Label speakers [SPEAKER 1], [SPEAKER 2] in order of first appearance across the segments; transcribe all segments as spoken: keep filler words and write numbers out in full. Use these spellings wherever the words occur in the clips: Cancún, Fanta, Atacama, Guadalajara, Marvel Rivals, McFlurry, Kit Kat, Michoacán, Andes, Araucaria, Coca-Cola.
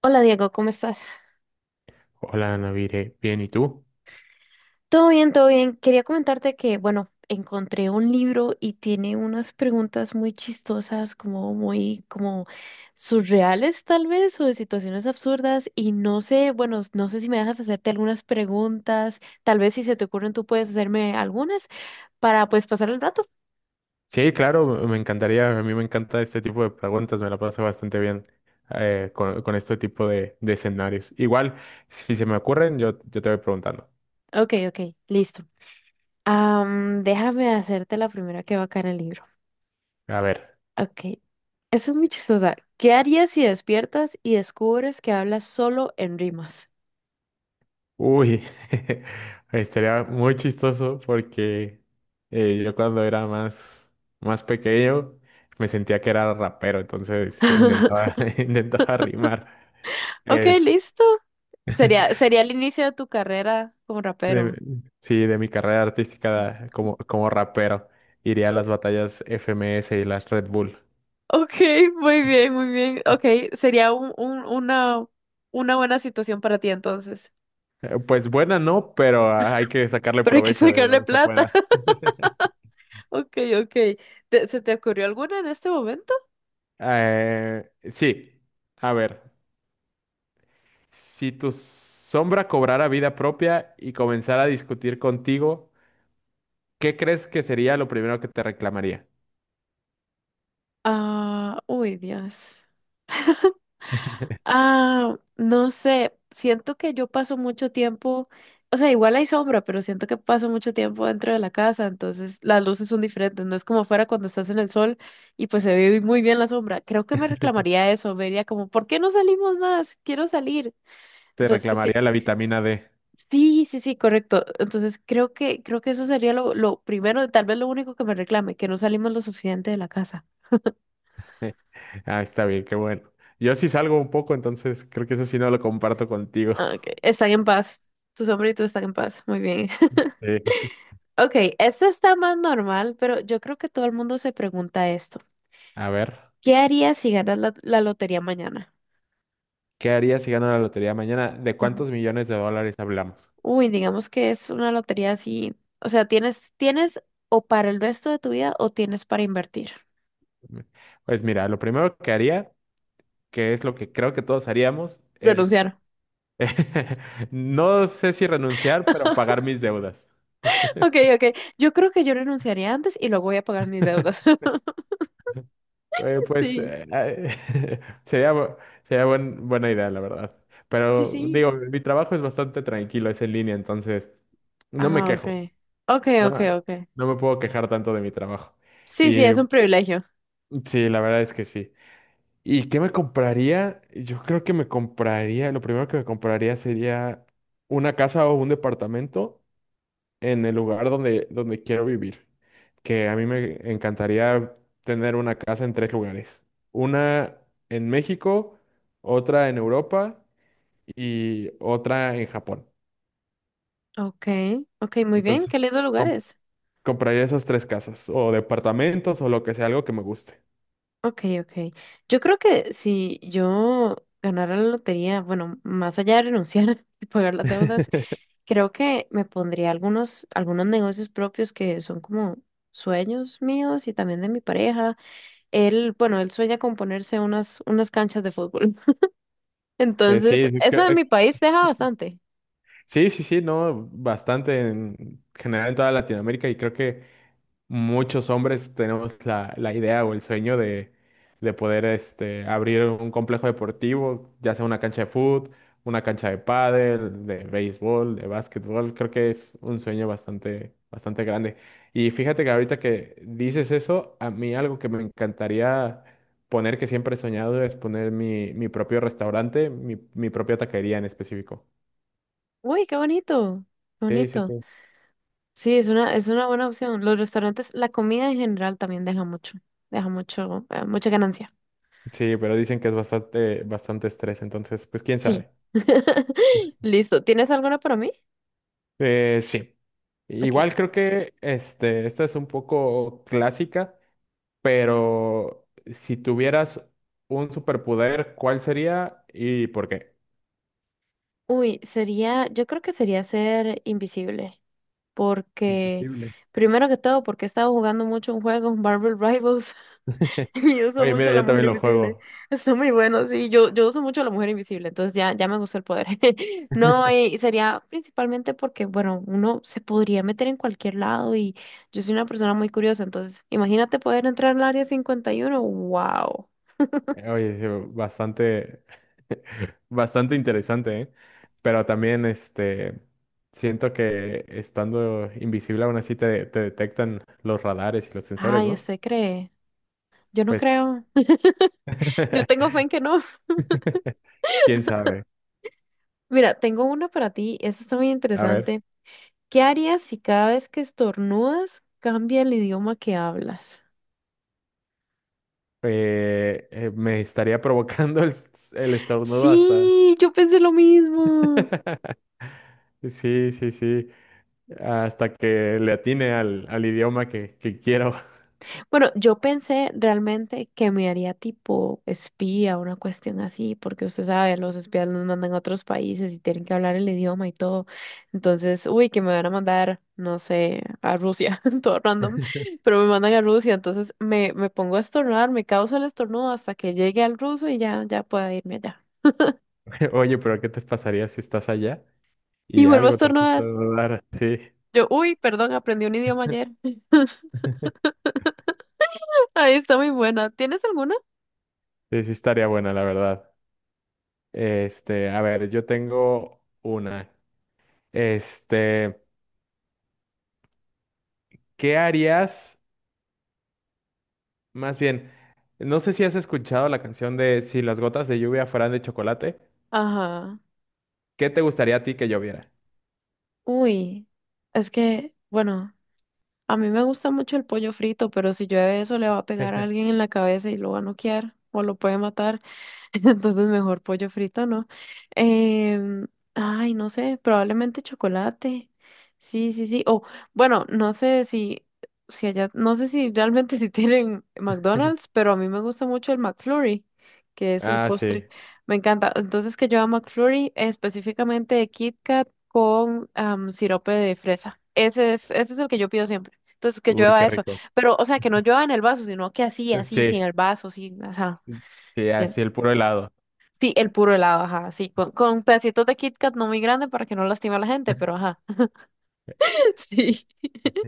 [SPEAKER 1] Hola Diego, ¿cómo estás?
[SPEAKER 2] Hola, Navire. Bien, ¿y tú?
[SPEAKER 1] Todo bien, todo bien. Quería comentarte que, bueno, encontré un libro y tiene unas preguntas muy chistosas, como muy, como surreales tal vez, o de situaciones absurdas. Y no sé, bueno, no sé si me dejas hacerte algunas preguntas. Tal vez si se te ocurren, tú puedes hacerme algunas para pues pasar el rato.
[SPEAKER 2] Sí, claro, me encantaría. A mí me encanta este tipo de preguntas. Me la paso bastante bien eh, con, con este tipo de, de escenarios. Igual, si se me ocurren, yo, yo te voy preguntando.
[SPEAKER 1] Ok, ok, listo. Am, déjame hacerte la primera que va acá en el libro.
[SPEAKER 2] A ver.
[SPEAKER 1] Ok, esta es muy chistosa. ¿Qué harías si despiertas y descubres que hablas solo en rimas?
[SPEAKER 2] Uy, estaría muy chistoso porque eh, yo cuando era más, más pequeño me sentía que era rapero, entonces intentaba, intentaba rimar.
[SPEAKER 1] Ok,
[SPEAKER 2] Es-
[SPEAKER 1] listo. Sería, sería el inicio de tu carrera como
[SPEAKER 2] De-
[SPEAKER 1] rapero.
[SPEAKER 2] sí, de mi carrera artística como, como rapero. Iría a las batallas F M S y las Red Bull.
[SPEAKER 1] Ok, muy bien, muy bien. Ok, sería un, un- una, una buena situación para ti entonces.
[SPEAKER 2] Eh, Pues buena no, pero hay que sacarle
[SPEAKER 1] Pero hay que
[SPEAKER 2] provecho de
[SPEAKER 1] sacarle
[SPEAKER 2] donde se
[SPEAKER 1] plata.
[SPEAKER 2] pueda.
[SPEAKER 1] Ok, ok. ¿Te- ¿Se te ocurrió alguna en este momento?
[SPEAKER 2] Eh, sí, a ver, si tu sombra cobrara vida propia y comenzara a discutir contigo, ¿qué crees que sería lo primero que te reclamaría?
[SPEAKER 1] Ah, uy, Dios. Ah, no sé, siento que yo paso mucho tiempo, o sea, igual hay sombra, pero siento que paso mucho tiempo dentro de la casa, entonces las luces son diferentes, no es como fuera cuando estás en el sol y pues se ve muy bien la sombra. Creo que me reclamaría eso, me diría como, ¿por qué no salimos más? Quiero salir.
[SPEAKER 2] Te
[SPEAKER 1] Entonces, sí,
[SPEAKER 2] reclamaría la vitamina D.
[SPEAKER 1] sí, sí, sí, correcto. Entonces, creo que creo que eso sería lo, lo primero, tal vez lo único que me reclame, que no salimos lo suficiente de la casa.
[SPEAKER 2] Ah, está bien, qué bueno. Yo sí salgo un poco, entonces creo que eso sí no lo comparto contigo.
[SPEAKER 1] Ah, ok, están en paz. Tu sombra y tú están en paz. Muy bien. Ok, este está más normal, pero yo creo que todo el mundo se pregunta esto.
[SPEAKER 2] A ver,
[SPEAKER 1] ¿Qué harías si ganas la, la lotería mañana?
[SPEAKER 2] ¿qué harías si gano la lotería mañana? ¿De
[SPEAKER 1] Ajá.
[SPEAKER 2] cuántos millones de dólares hablamos?
[SPEAKER 1] Uy, digamos que es una lotería así, o sea, tienes, tienes o para el resto de tu vida o tienes para invertir.
[SPEAKER 2] Pues mira, lo primero que haría, que es lo que creo que todos haríamos, es,
[SPEAKER 1] Renunciar.
[SPEAKER 2] no sé si renunciar, pero pagar mis deudas.
[SPEAKER 1] Ok, ok. Yo creo que yo renunciaría antes y luego voy a pagar mis deudas.
[SPEAKER 2] Eh, pues
[SPEAKER 1] Sí,
[SPEAKER 2] eh, eh, sería, bu- sería buen- buena idea, la verdad.
[SPEAKER 1] sí,
[SPEAKER 2] Pero
[SPEAKER 1] sí.
[SPEAKER 2] digo, mi trabajo es bastante tranquilo, es en línea, entonces no me
[SPEAKER 1] Ah, ok.
[SPEAKER 2] quejo,
[SPEAKER 1] Ok,
[SPEAKER 2] no,
[SPEAKER 1] ok, ok.
[SPEAKER 2] no me puedo quejar tanto de mi trabajo.
[SPEAKER 1] Sí, sí,
[SPEAKER 2] Y
[SPEAKER 1] es un privilegio.
[SPEAKER 2] sí, la verdad es que sí. ¿Y qué me compraría? Yo creo que me compraría, lo primero que me compraría sería una casa o un departamento en el lugar donde, donde quiero vivir. Que a mí me encantaría tener una casa en tres lugares. Una en México, otra en Europa y otra en Japón.
[SPEAKER 1] Ok, ok, muy bien. Qué
[SPEAKER 2] Entonces,
[SPEAKER 1] lindo
[SPEAKER 2] com-
[SPEAKER 1] lugares.
[SPEAKER 2] compraría esas tres casas o departamentos o lo que sea, algo que me guste.
[SPEAKER 1] Ok, ok. Yo creo que si yo ganara la lotería, bueno, más allá de renunciar y pagar las deudas, creo que me pondría algunos, algunos negocios propios que son como sueños míos y también de mi pareja. Él, bueno, él sueña con ponerse unas, unas canchas de fútbol.
[SPEAKER 2] Eh,
[SPEAKER 1] Entonces,
[SPEAKER 2] sí, sí,
[SPEAKER 1] eso en
[SPEAKER 2] cre-
[SPEAKER 1] mi país deja bastante.
[SPEAKER 2] Sí, sí, sí, no, bastante en general en toda Latinoamérica y creo que muchos hombres tenemos la, la idea o el sueño de, de poder este, abrir un complejo deportivo, ya sea una cancha de fútbol, una cancha de pádel, de béisbol, de básquetbol. Creo que es un sueño bastante, bastante grande. Y fíjate que ahorita que dices eso, a mí algo que me encantaría poner, que siempre he soñado, es poner mi, mi propio restaurante, mi, mi propia taquería en específico.
[SPEAKER 1] Uy, qué bonito, qué
[SPEAKER 2] Sí, sí,
[SPEAKER 1] bonito.
[SPEAKER 2] sí.
[SPEAKER 1] Sí, es una, es una buena opción. Los restaurantes, la comida en general también deja mucho, deja mucho, eh, mucha ganancia.
[SPEAKER 2] Sí, pero dicen que es bastante, bastante estrés, entonces, pues quién
[SPEAKER 1] Sí.
[SPEAKER 2] sabe.
[SPEAKER 1] Listo. ¿Tienes alguna para mí?
[SPEAKER 2] Eh, sí.
[SPEAKER 1] Ok.
[SPEAKER 2] Igual creo que este, esta es un poco clásica, pero si tuvieras un superpoder, ¿cuál sería y por qué?
[SPEAKER 1] Uy, sería, yo creo que sería ser invisible, porque
[SPEAKER 2] Invisible.
[SPEAKER 1] primero que todo, porque he estado jugando mucho un juego, Marvel Rivals, y uso
[SPEAKER 2] Oye,
[SPEAKER 1] mucho
[SPEAKER 2] mira,
[SPEAKER 1] a la
[SPEAKER 2] yo
[SPEAKER 1] mujer
[SPEAKER 2] también lo
[SPEAKER 1] invisible.
[SPEAKER 2] juego.
[SPEAKER 1] Está muy bueno, sí, yo, yo uso mucho a la mujer invisible, entonces ya, ya me gusta el poder. No, y sería principalmente porque, bueno, uno se podría meter en cualquier lado y yo soy una persona muy curiosa, entonces imagínate poder entrar al área cincuenta y uno. Wow.
[SPEAKER 2] Oye, sí, bastante, bastante interesante, ¿eh? Pero también, este, siento que estando invisible aún así te, te detectan los radares y los sensores,
[SPEAKER 1] Ay,
[SPEAKER 2] ¿no?
[SPEAKER 1] ¿usted cree? Yo no
[SPEAKER 2] Pues,
[SPEAKER 1] creo. Yo tengo fe en que no.
[SPEAKER 2] quién sabe.
[SPEAKER 1] Mira, tengo una para ti. Esta está muy
[SPEAKER 2] A ver,
[SPEAKER 1] interesante. ¿Qué harías si cada vez que estornudas cambia el idioma que hablas?
[SPEAKER 2] eh, eh, me estaría provocando el, el estornudo hasta.
[SPEAKER 1] Sí, yo pensé lo mismo.
[SPEAKER 2] Sí, sí, sí. Hasta que le atine al, al idioma que, que quiero.
[SPEAKER 1] Bueno, yo pensé realmente que me haría tipo espía, una cuestión así, porque usted sabe, los espías nos mandan a otros países y tienen que hablar el idioma y todo. Entonces, uy, que me van a mandar, no sé, a Rusia, todo random, pero me mandan a Rusia, entonces me, me pongo a estornudar, me causa el estornudo hasta que llegue al ruso y ya, ya pueda irme allá.
[SPEAKER 2] Oye, pero ¿qué te pasaría si estás allá
[SPEAKER 1] Y
[SPEAKER 2] y
[SPEAKER 1] vuelvo a
[SPEAKER 2] algo te hace
[SPEAKER 1] estornudar.
[SPEAKER 2] estornudar? Sí.
[SPEAKER 1] Yo, uy, perdón, aprendí un idioma ayer. Ahí está muy buena. ¿Tienes alguna?
[SPEAKER 2] Sí, sí estaría buena, la verdad. Este, a ver, yo tengo una. Este, ¿qué harías? Más bien, no sé si has escuchado la canción de Si las gotas de lluvia fueran de chocolate,
[SPEAKER 1] Ajá.
[SPEAKER 2] ¿qué te gustaría a ti que lloviera?
[SPEAKER 1] Uy, es que, bueno. A mí me gusta mucho el pollo frito, pero si llueve eso le va a pegar a alguien en la cabeza y lo va a noquear o lo puede matar. Entonces mejor pollo frito, ¿no? Em, Ay, no sé, probablemente chocolate. Sí, sí, sí. O bueno, no sé si, si, allá, no sé si realmente si tienen McDonald's, pero a mí me gusta mucho el McFlurry, que es el
[SPEAKER 2] Ah,
[SPEAKER 1] postre.
[SPEAKER 2] sí.
[SPEAKER 1] Me encanta. Entonces que yo a McFlurry eh, específicamente de Kit Kat con am, sirope de fresa. Ese es, ese es el que yo pido siempre. Entonces que
[SPEAKER 2] Uy,
[SPEAKER 1] llueva
[SPEAKER 2] qué
[SPEAKER 1] eso.
[SPEAKER 2] rico.
[SPEAKER 1] Pero, o sea, que no llueva en el vaso, sino que así, así,
[SPEAKER 2] Sí,
[SPEAKER 1] sin el vaso, sin, ajá.
[SPEAKER 2] sí, así el puro helado.
[SPEAKER 1] Sí, el puro helado, ajá, sí, con, con pedacitos de Kit Kat no muy grande para que no lastime a la gente, pero ajá. Sí.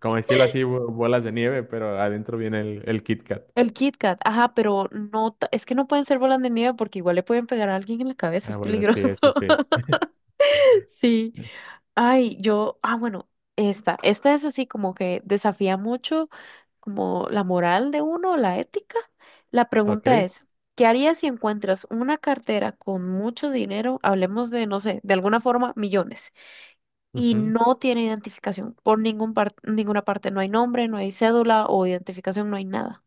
[SPEAKER 2] Como estilo así, bo- bolas de nieve, pero adentro viene el, el Kit Kat.
[SPEAKER 1] El Kit Kat, ajá, pero no, ta- es que no pueden ser bolas de nieve porque igual le pueden pegar a alguien en la cabeza, es
[SPEAKER 2] Ah, bueno, sí,
[SPEAKER 1] peligroso.
[SPEAKER 2] eso sí.
[SPEAKER 1] Sí. Ay, yo, ah, bueno, esta, esta es así como que desafía mucho como la moral de uno, la ética. La
[SPEAKER 2] Ok.
[SPEAKER 1] pregunta es, ¿qué harías si encuentras una cartera con mucho dinero? Hablemos de, no sé, de alguna forma, millones. Y
[SPEAKER 2] Ujú.
[SPEAKER 1] no tiene identificación por ningún par- ninguna parte. No hay nombre, no hay cédula o identificación, no hay nada.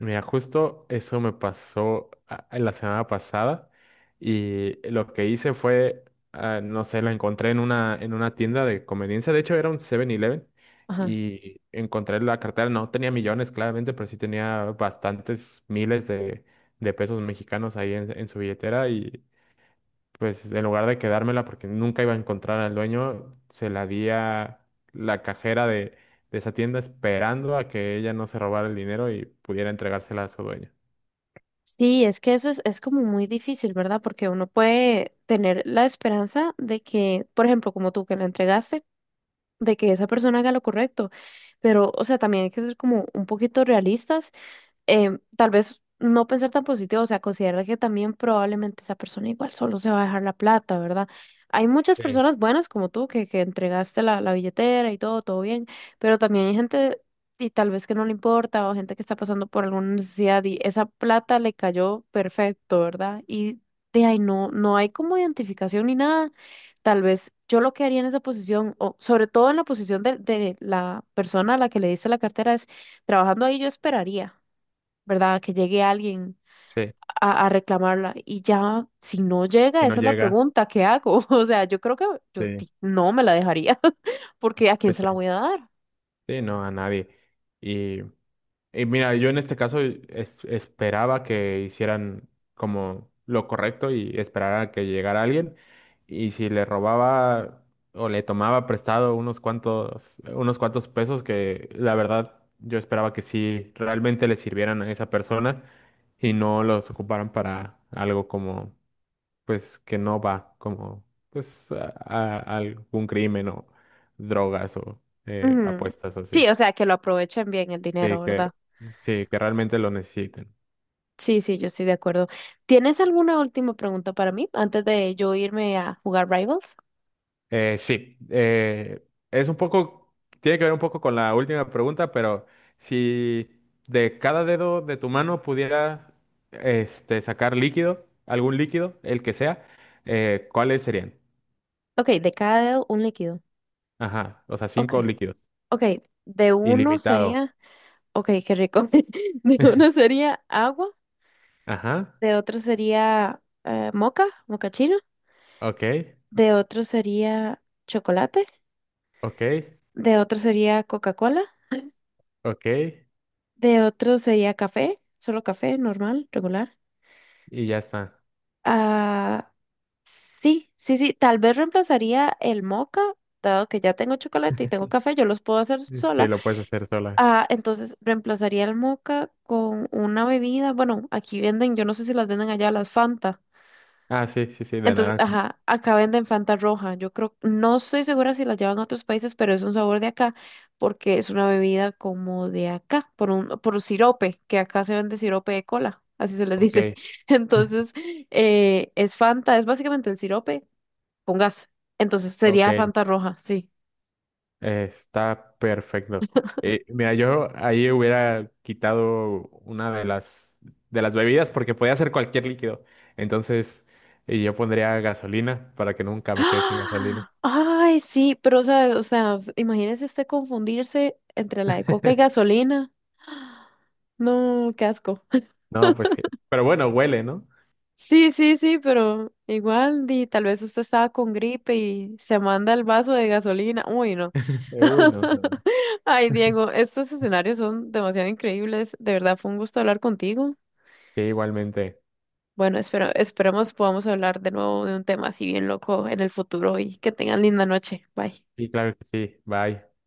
[SPEAKER 2] Mira, justo eso me pasó a- a la semana pasada y lo que hice fue, ah, no sé, lo encontré en una, en una tienda de conveniencia, de hecho era un Seven eleven
[SPEAKER 1] Ajá.
[SPEAKER 2] y encontré la cartera. No tenía millones claramente, pero sí tenía bastantes miles de, de pesos mexicanos ahí en, en su billetera, y pues en lugar de quedármela porque nunca iba a encontrar al dueño, se la di a la cajera de, de esa tienda esperando a que ella no se robara el dinero y pudiera entregársela a su dueño.
[SPEAKER 1] Sí, es que eso es, es como muy difícil, ¿verdad? Porque uno puede tener la esperanza de que, por ejemplo, como tú que la entregaste, de que esa persona haga lo correcto. Pero, o sea, también hay que ser como un poquito realistas em, tal vez no pensar tan positivo, o sea, considerar que también probablemente esa persona igual solo se va a dejar la plata, ¿verdad? Hay muchas
[SPEAKER 2] Sí,
[SPEAKER 1] personas buenas como tú que, que entregaste la, la billetera y todo, todo bien, pero también hay gente y tal vez que no le importa o gente que está pasando por alguna necesidad y esa plata le cayó perfecto, ¿verdad? Y de ahí no, no hay como identificación ni nada. Tal vez yo lo que haría en esa posición, o sobre todo en la posición de, de la persona a la que le diste la cartera, es trabajando ahí yo esperaría. ¿Verdad? Que llegue alguien
[SPEAKER 2] sí,
[SPEAKER 1] a, a reclamarla. Y ya, si no llega,
[SPEAKER 2] Si no
[SPEAKER 1] esa es la
[SPEAKER 2] llega,
[SPEAKER 1] pregunta, ¿qué hago? O sea, yo creo que yo
[SPEAKER 2] sí.
[SPEAKER 1] di- no me la dejaría, porque ¿a quién
[SPEAKER 2] Pues
[SPEAKER 1] se
[SPEAKER 2] sí,
[SPEAKER 1] la voy a dar?
[SPEAKER 2] sí, no, a nadie. y Y mira, yo en este caso es- esperaba que hicieran como lo correcto y esperara que llegara alguien. Y si le robaba o le tomaba prestado unos cuantos, unos cuantos pesos, que la verdad yo esperaba que sí realmente le sirvieran a esa persona y no los ocuparan para algo como, pues, que no va, como, pues, a, a- algún crimen o drogas o eh,
[SPEAKER 1] Ujú.
[SPEAKER 2] apuestas o así.
[SPEAKER 1] Sí, o sea, que lo aprovechen bien el dinero,
[SPEAKER 2] Sí, que,
[SPEAKER 1] ¿verdad?
[SPEAKER 2] sí, que realmente lo necesiten.
[SPEAKER 1] Sí, sí, yo estoy de acuerdo. ¿Tienes alguna última pregunta para mí antes de yo irme a jugar Rivals?
[SPEAKER 2] Eh, sí, eh, es un poco, tiene que ver un poco con la última pregunta, pero si de cada dedo de tu mano pudieras este, sacar líquido, algún líquido, el que sea, eh, ¿cuáles serían?
[SPEAKER 1] Ok, de cada dedo un líquido.
[SPEAKER 2] Ajá, o sea,
[SPEAKER 1] Ok,
[SPEAKER 2] cinco líquidos.
[SPEAKER 1] ok, de uno
[SPEAKER 2] Ilimitado.
[SPEAKER 1] sería, ok, qué rico. De uno sería agua,
[SPEAKER 2] Ajá,
[SPEAKER 1] de otro sería eh, moca, moca chino.
[SPEAKER 2] ok,
[SPEAKER 1] De otro sería chocolate,
[SPEAKER 2] ok,
[SPEAKER 1] de otro sería Coca-Cola,
[SPEAKER 2] ok,
[SPEAKER 1] de otro sería café, solo café normal, regular.
[SPEAKER 2] y ya está.
[SPEAKER 1] Ah, sí, sí, sí, tal vez reemplazaría el moca, dado que ya tengo chocolate y tengo café, yo los puedo hacer
[SPEAKER 2] Sí,
[SPEAKER 1] sola.
[SPEAKER 2] lo puedes hacer sola.
[SPEAKER 1] Ah, entonces reemplazaría el moca con una bebida, bueno, aquí venden, yo no sé si las venden allá, las Fanta.
[SPEAKER 2] Ah, sí, sí, sí, de
[SPEAKER 1] Entonces,
[SPEAKER 2] naranja.
[SPEAKER 1] ajá, acá venden Fanta roja. Yo creo, no estoy segura si la llevan a otros países, pero es un sabor de acá, porque es una bebida como de acá, por un, por un sirope, que acá se vende sirope de cola, así se les
[SPEAKER 2] Ok,
[SPEAKER 1] dice. Entonces, eh, es Fanta, es básicamente el sirope con gas. Entonces sería
[SPEAKER 2] ok.
[SPEAKER 1] Fanta roja, sí.
[SPEAKER 2] Eh, Está perfecto. Eh, mira, yo ahí hubiera quitado una de las de las bebidas porque podía ser cualquier líquido. Entonces, y yo pondría gasolina para que nunca me quede sin gasolina.
[SPEAKER 1] ¡Ah! Ay, sí, pero sabes, o sea, s- imagínese usted confundirse entre la de coca y gasolina. No, qué asco.
[SPEAKER 2] No, pues sí. Pero bueno, huele, ¿no?
[SPEAKER 1] Sí, sí, sí, pero igual, di, tal vez usted estaba con gripe y se manda el vaso de gasolina. Uy, no.
[SPEAKER 2] Uy, no, no.
[SPEAKER 1] Ay, Diego, estos escenarios son demasiado increíbles. De verdad, fue un gusto hablar contigo.
[SPEAKER 2] Sí, igualmente.
[SPEAKER 1] Bueno, espero, esperemos podamos hablar de nuevo de un tema así bien loco en el futuro y que tengan linda noche. Bye.
[SPEAKER 2] Sí, claro que sí. Bye.